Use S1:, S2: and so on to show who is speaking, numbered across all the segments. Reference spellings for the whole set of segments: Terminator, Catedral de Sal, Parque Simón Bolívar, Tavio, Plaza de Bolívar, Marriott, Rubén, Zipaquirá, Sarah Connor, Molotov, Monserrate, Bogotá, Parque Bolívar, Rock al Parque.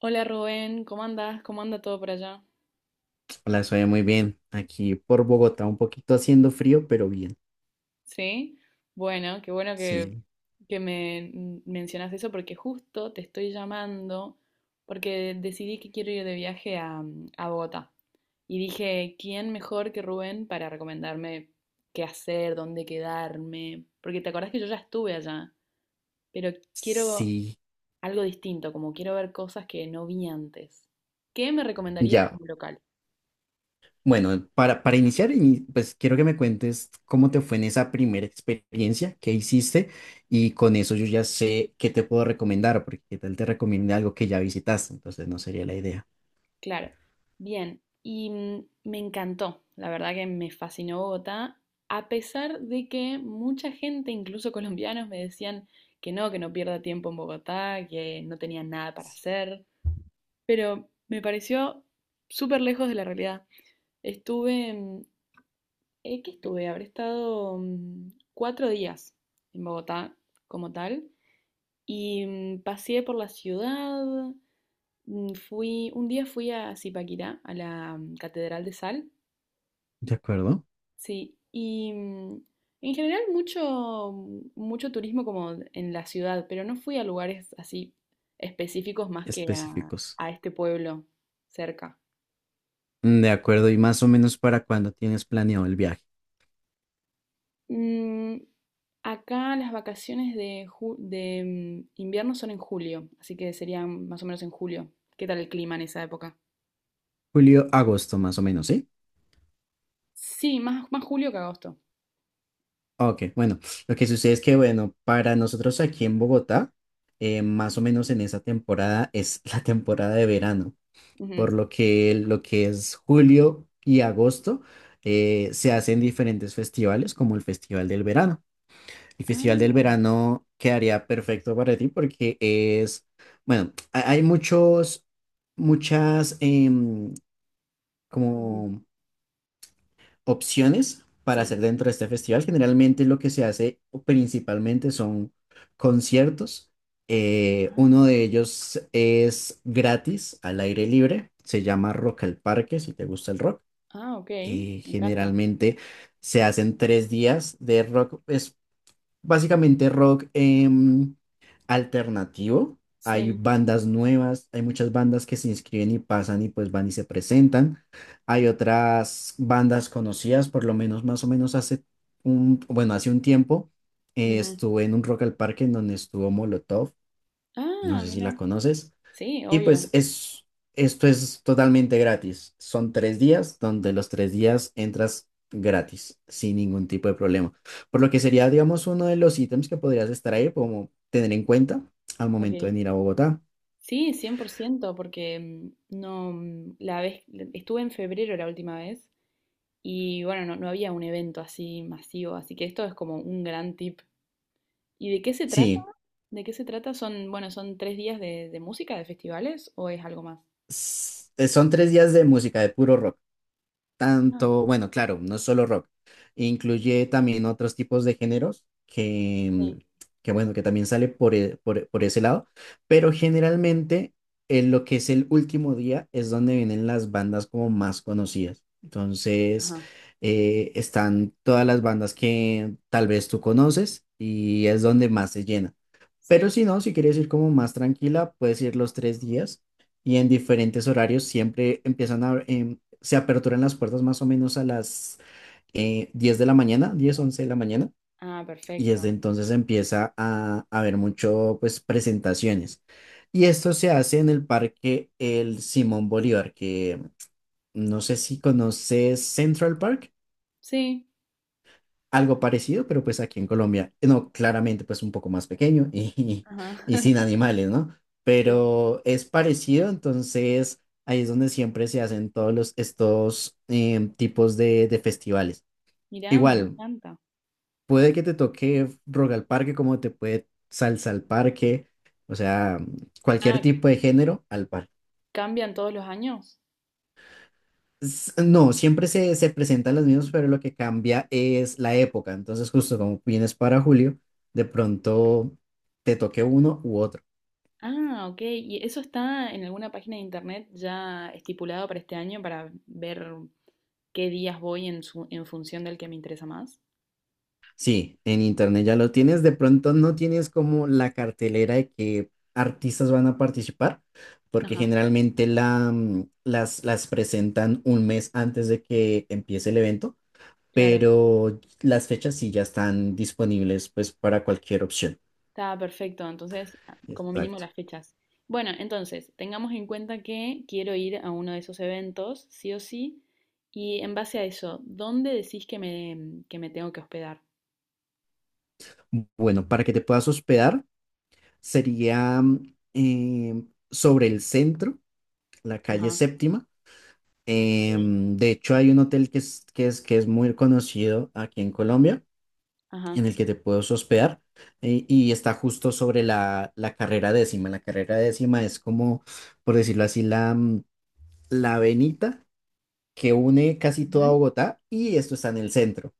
S1: Hola Rubén, ¿cómo andas? ¿Cómo anda todo por allá?
S2: Hola, soy muy bien. Aquí por Bogotá, un poquito haciendo frío, pero bien.
S1: ¿Sí? Bueno, qué bueno que,
S2: Sí,
S1: que me mencionas eso porque justo te estoy llamando porque decidí que quiero ir de viaje a Bogotá. Y dije, ¿quién mejor que Rubén para recomendarme qué hacer, dónde quedarme? Porque te acordás que yo ya estuve allá, pero quiero
S2: sí,
S1: algo distinto, como quiero ver cosas que no vi antes. ¿Qué me recomendarías
S2: ya.
S1: como local?
S2: Bueno, para iniciar, pues quiero que me cuentes cómo te fue en esa primera experiencia, qué hiciste, y con eso yo ya sé qué te puedo recomendar, porque qué tal te recomiende algo que ya visitaste, entonces no sería la idea.
S1: Claro. Bien, y me encantó, la verdad que me fascinó Bogotá, a pesar de que mucha gente, incluso colombianos, me decían que no pierda tiempo en Bogotá, que no tenía nada para hacer, pero me pareció súper lejos de la realidad. Estuve, mm, ¿Qué estuve? Habré estado 4 días en Bogotá como tal, y paseé por la ciudad. Un día fui a Zipaquirá, a la Catedral de Sal.
S2: ¿De acuerdo?
S1: Sí, y en general mucho, mucho turismo como en la ciudad, pero no fui a lugares así específicos más que a,
S2: Específicos.
S1: a este pueblo cerca.
S2: De acuerdo, ¿y más o menos para cuándo tienes planeado el viaje?
S1: Mm, Acá las vacaciones de invierno son en julio, así que serían más o menos en julio. ¿Qué tal el clima en esa época?
S2: Julio, agosto, más o menos, ¿sí?
S1: Sí, más julio que agosto.
S2: Ok, bueno, lo que sucede es que, bueno, para nosotros aquí en Bogotá, más o menos en esa temporada es la temporada de verano,
S1: Ujú.
S2: por lo que es julio y agosto se hacen diferentes festivales, como el Festival del Verano. El Festival del
S1: Ah,
S2: Verano quedaría perfecto para ti porque es, bueno, hay muchos, muchas,
S1: ujú,
S2: como opciones para hacer
S1: sí.
S2: dentro de este festival. Generalmente lo que se hace principalmente son conciertos. Uno de ellos es gratis, al aire libre. Se llama Rock al Parque, si te gusta el rock.
S1: Ah, ok, me encanta.
S2: Generalmente se hacen 3 días de rock básicamente rock alternativo. Hay
S1: Sí.
S2: bandas nuevas, hay muchas bandas que se inscriben y pasan y pues van y se presentan. Hay otras bandas conocidas, por lo menos más o menos hace bueno, hace un tiempo
S1: Ujú.
S2: estuve en un Rock al Parque en donde estuvo Molotov. No
S1: Ah,
S2: sé si
S1: mira.
S2: la conoces.
S1: Sí,
S2: Y pues
S1: obvio.
S2: esto es totalmente gratis. Son 3 días donde los 3 días entras gratis, sin ningún tipo de problema. Por lo que sería, digamos, uno de los ítems que podrías estar ahí, como tener en cuenta al
S1: Ok.
S2: momento de ir a Bogotá.
S1: Sí, 100%, porque no, estuve en febrero la última vez y bueno, no, no había un evento así masivo, así que esto es como un gran tip. ¿Y de qué se trata?
S2: Sí,
S1: ¿De qué se trata? Son, bueno, son 3 días de música, de festivales o es algo más?
S2: son 3 días de música, de puro rock.
S1: Ah,
S2: Tanto, bueno, claro, no solo rock, incluye también otros tipos de géneros que, mm,
S1: sí.
S2: que bueno, que también sale por, por ese lado, pero generalmente en lo que es el último día es donde vienen las bandas como más conocidas. Entonces,
S1: Ajá,
S2: están todas las bandas que tal vez tú conoces y es donde más se llena. Pero
S1: sí.
S2: si no, si quieres ir como más tranquila, puedes ir los 3 días y en diferentes horarios siempre se aperturan las puertas más o menos a las 10 de la mañana, 10 11 de la mañana,
S1: Ah,
S2: y desde
S1: perfecto.
S2: entonces empieza a haber mucho, pues, presentaciones. Y esto se hace en el parque El Simón Bolívar, que no sé si conoces Central Park.
S1: Sí.
S2: Algo parecido, pero pues aquí en Colombia, no, claramente pues un poco más pequeño y,
S1: Ajá.
S2: y sin animales, ¿no?
S1: Sí.
S2: Pero es parecido, entonces ahí es donde siempre se hacen todos estos tipos de festivales.
S1: Mirá, me
S2: Igual,
S1: encanta.
S2: puede que te toque rock al parque como te puede salsa al parque, o sea, cualquier
S1: Ah,
S2: tipo de género al parque.
S1: ¿cambian todos los años?
S2: No, siempre se presentan los mismos, pero lo que cambia es la época. Entonces, justo como vienes para julio, de pronto te toque uno u otro.
S1: Ah, ok. ¿Y eso está en alguna página de internet ya estipulado para este año para ver qué días voy en función del que me interesa más?
S2: Sí, en internet ya lo tienes. De pronto no tienes como la cartelera de qué artistas van a participar, porque
S1: Ajá,
S2: generalmente las presentan un mes antes de que empiece el evento,
S1: claro.
S2: pero las fechas sí ya están disponibles pues para cualquier opción.
S1: Está perfecto. Entonces, como mínimo
S2: Exacto.
S1: las fechas. Bueno, entonces, tengamos en cuenta que quiero ir a uno de esos eventos, sí o sí. Y en base a eso, ¿dónde decís que me tengo que hospedar?
S2: Bueno, para que te puedas hospedar. Sería sobre el centro, la calle
S1: Ajá,
S2: Séptima.
S1: ok.
S2: De hecho, hay un hotel que es muy conocido aquí en Colombia,
S1: Ajá.
S2: en el que te puedes hospedar. Y está justo sobre la carrera décima. La carrera décima es como, por decirlo así, la avenida que une casi toda
S1: Ujú.
S2: Bogotá y esto está en el centro.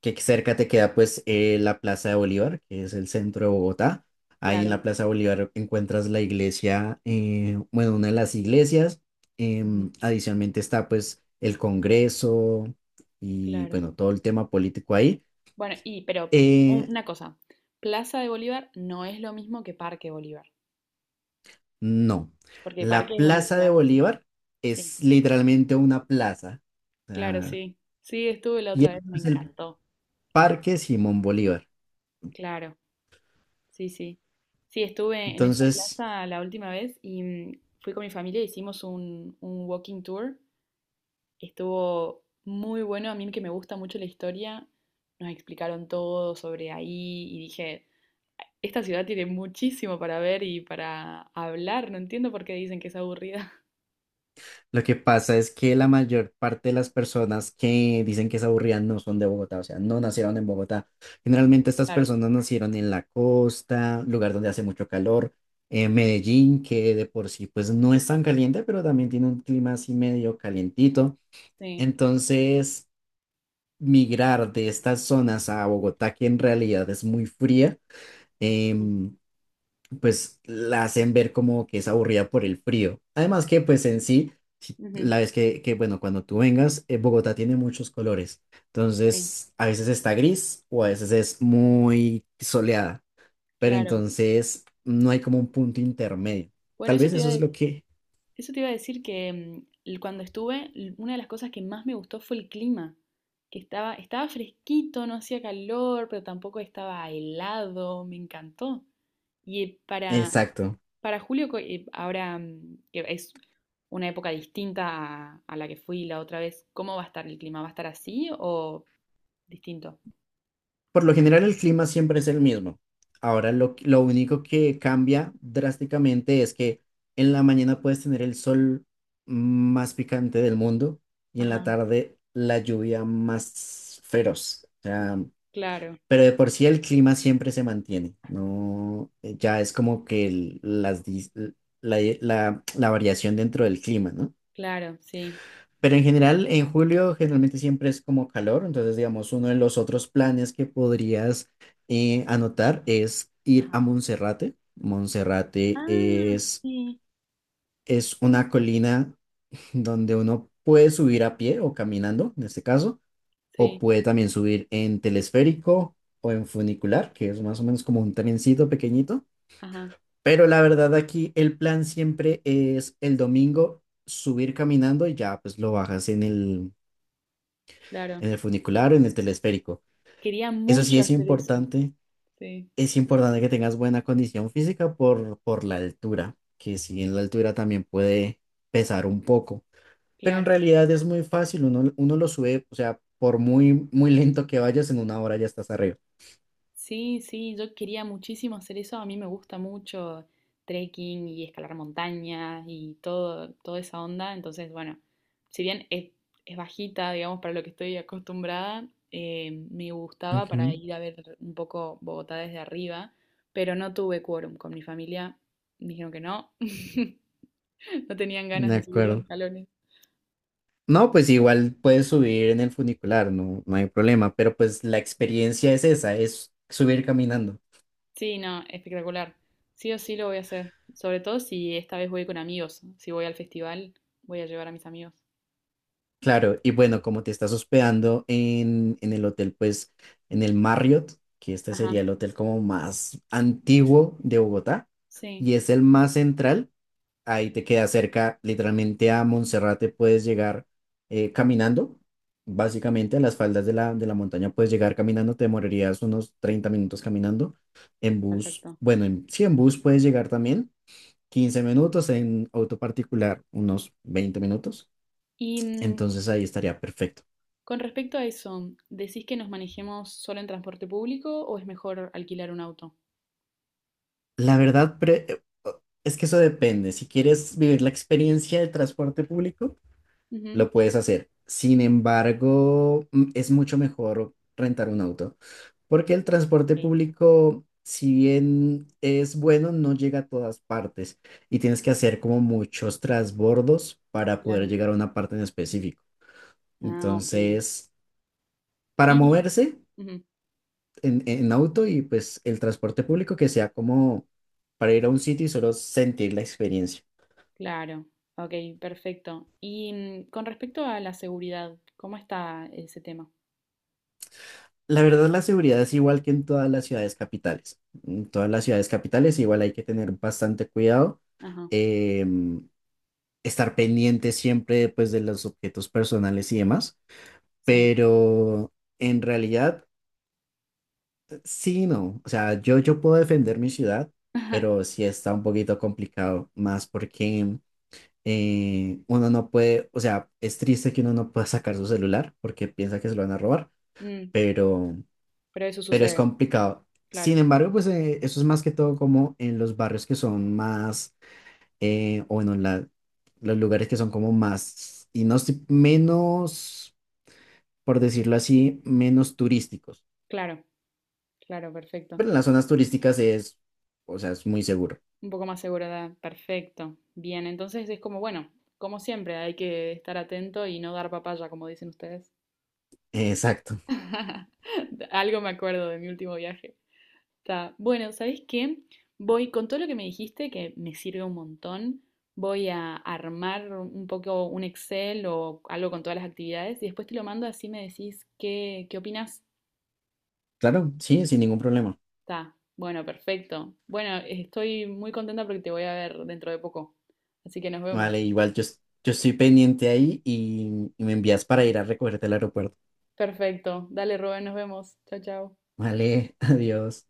S2: Que cerca te queda pues la Plaza de Bolívar, que es el centro de Bogotá. Ahí en la
S1: Claro.
S2: Plaza de Bolívar encuentras la iglesia, bueno, una de las iglesias.
S1: Ujú.
S2: Adicionalmente está pues el Congreso y
S1: Claro.
S2: bueno, todo el tema político ahí.
S1: Bueno, y pero un-
S2: Eh,
S1: una cosa, Plaza de Bolívar no es lo mismo que Parque Bolívar,
S2: no,
S1: porque
S2: la
S1: Parque es donde
S2: Plaza
S1: se
S2: de
S1: hace.
S2: Bolívar
S1: Sí,
S2: es literalmente una plaza. O
S1: claro,
S2: sea,
S1: sí. Sí, estuve la
S2: y
S1: otra
S2: el
S1: vez,
S2: otro
S1: me
S2: es el
S1: encantó.
S2: Parque Simón Bolívar.
S1: Claro, sí, sí. Sí, estuve en esa
S2: Entonces.
S1: plaza la última vez y fui con mi familia, hicimos un, walking tour. Estuvo muy bueno, a mí que me gusta mucho la historia, nos explicaron todo sobre ahí y dije, esta ciudad tiene muchísimo para ver y para hablar, no entiendo por qué dicen que es aburrida.
S2: Lo que pasa es que la mayor parte de las personas que dicen que es aburrida no son de Bogotá, o sea, no nacieron en Bogotá. Generalmente estas
S1: Claro,
S2: personas nacieron en la costa, lugar donde hace mucho calor, en Medellín, que de por sí pues no es tan caliente, pero también tiene un clima así medio calientito.
S1: sí.
S2: Entonces, migrar de estas zonas a Bogotá, que en realidad es muy fría, em, pues la hacen ver como que es aburrida por el frío. Además que pues en sí,
S1: Ujú,
S2: la vez que bueno, cuando tú vengas, Bogotá tiene muchos colores.
S1: sí,
S2: Entonces, a veces está gris o a veces es muy soleada, pero
S1: claro.
S2: entonces no hay como un punto intermedio.
S1: Bueno,
S2: Tal vez eso es lo que.
S1: eso te iba a decir que cuando estuve, una de las cosas que más me gustó fue el clima, que estaba fresquito, no hacía calor, pero tampoco estaba helado, me encantó. Y para,
S2: Exacto.
S1: para julio, ahora que es una época distinta a la que fui la otra vez, ¿cómo va a estar el clima? ¿Va a estar así o distinto?
S2: Por lo general el clima siempre es el mismo. Ahora lo único que cambia drásticamente es que en la mañana puedes tener el sol más picante del mundo y en
S1: Ajá.
S2: la tarde la lluvia más feroz. O sea,
S1: Claro,
S2: pero de por sí el clima siempre se mantiene. No, ya es como que el- las, dis- la, la la variación dentro del clima, ¿no?
S1: claro, sí.
S2: Pero en general, en julio generalmente siempre es como calor, entonces digamos, uno de los otros planes que podrías anotar es ir a Monserrate. Monserrate
S1: Ah,
S2: es,
S1: sí.
S2: es una colina donde uno puede subir a pie o caminando, en este caso, o
S1: Sí,
S2: puede también subir en telesférico o en funicular, que es más o menos como un trencito pequeñito.
S1: ajá,
S2: Pero la verdad aquí el plan siempre es el domingo subir caminando y ya pues lo bajas en el
S1: claro.
S2: en el funicular o en el telesférico.
S1: Quería
S2: Eso sí
S1: mucho
S2: es
S1: hacer eso.
S2: importante.
S1: Sí,
S2: Es importante que tengas buena condición física por la altura, que si en la altura también puede pesar un poco. Pero en
S1: claro.
S2: realidad es muy fácil, uno lo sube, o sea, por muy, muy lento que vayas, en una hora ya estás arriba.
S1: Sí, sí, yo quería muchísimo hacer eso. A mí me gusta mucho trekking y escalar montañas y todo, toda esa onda. Entonces, bueno, si bien es bajita, digamos, para lo que estoy acostumbrada, me gustaba para
S2: Ujú.
S1: ir a ver un poco Bogotá desde arriba, pero no tuve quórum con mi familia. Dijeron que no, no tenían ganas
S2: De
S1: de subir los
S2: acuerdo.
S1: escalones.
S2: No, pues igual puedes subir en el funicular, no, no hay problema, pero pues la experiencia es esa, es subir caminando.
S1: Sí, no, espectacular. Sí o sí lo voy a hacer. Sobre todo si esta vez voy con amigos. Si voy al festival, voy a llevar a mis amigos.
S2: Claro, y bueno, como te estás hospedando en el hotel, pues en el Marriott, que este sería
S1: Ajá,
S2: el hotel como más antiguo de Bogotá
S1: sí,
S2: y es el más central, ahí te queda cerca, literalmente a Monserrate puedes llegar caminando, básicamente a las faldas de la montaña puedes llegar caminando, te demorarías unos 30 minutos caminando, en bus,
S1: perfecto.
S2: bueno, en, sí, en bus puedes llegar también, 15 minutos, en auto particular unos 20 minutos,
S1: Y
S2: entonces ahí estaría perfecto.
S1: con respecto a eso, ¿decís que nos manejemos solo en transporte público o es mejor alquilar un auto?
S2: La verdad, es que eso depende. Si quieres vivir la experiencia del transporte público,
S1: Ujú.
S2: lo puedes hacer. Sin embargo, es mucho mejor rentar un auto, porque el transporte
S1: Ok,
S2: público, si bien es bueno, no llega a todas partes y tienes que hacer como muchos transbordos para poder
S1: claro.
S2: llegar a una parte en específico.
S1: Ah, ok.
S2: Entonces, para
S1: Y,
S2: moverse
S1: ujú,
S2: en auto y pues el transporte público que sea como para ir a un sitio y solo sentir la experiencia.
S1: claro, ok, perfecto. Y con respecto a la seguridad, ¿cómo está ese tema?
S2: La verdad, la seguridad es igual que en todas las ciudades capitales. En todas las ciudades capitales igual hay que tener bastante cuidado,
S1: Ajá,
S2: em, estar pendiente siempre pues de los objetos personales y demás,
S1: sí.
S2: pero en realidad sí, no. O sea, yo puedo defender mi ciudad, pero sí está un poquito complicado, más porque uno no puede, o sea, es triste que uno no pueda sacar su celular porque piensa que se lo van a robar,
S1: Mm,
S2: pero.
S1: pero eso
S2: Pero es
S1: sucede,
S2: complicado.
S1: claro.
S2: Sin embargo, pues eso es más que todo como en los barrios que son más, o bueno, los lugares que son como más, y no sé, menos, por decirlo así, menos turísticos.
S1: Claro, claro, perfecto.
S2: Pero en las zonas turísticas es, o sea, es muy seguro.
S1: Un poco más segura, perfecto. Bien, entonces es como, bueno, como siempre, hay que estar atento y no dar papaya, como dicen ustedes.
S2: Exacto.
S1: Algo me acuerdo de mi último viaje. Está. Bueno, ¿sabéis qué? Voy con todo lo que me dijiste, que me sirve un montón. Voy a armar un poco un Excel o algo con todas las actividades y después te lo mando así me decís qué opinas.
S2: Claro, sí, sin ningún problema.
S1: Está, bueno, perfecto. Bueno, estoy muy contenta porque te voy a ver dentro de poco. Así que nos vemos.
S2: Vale, igual yo estoy pendiente ahí y me envías para ir a recogerte al aeropuerto.
S1: Perfecto. Dale, Rubén, nos vemos. Chao, chao.
S2: Vale, adiós.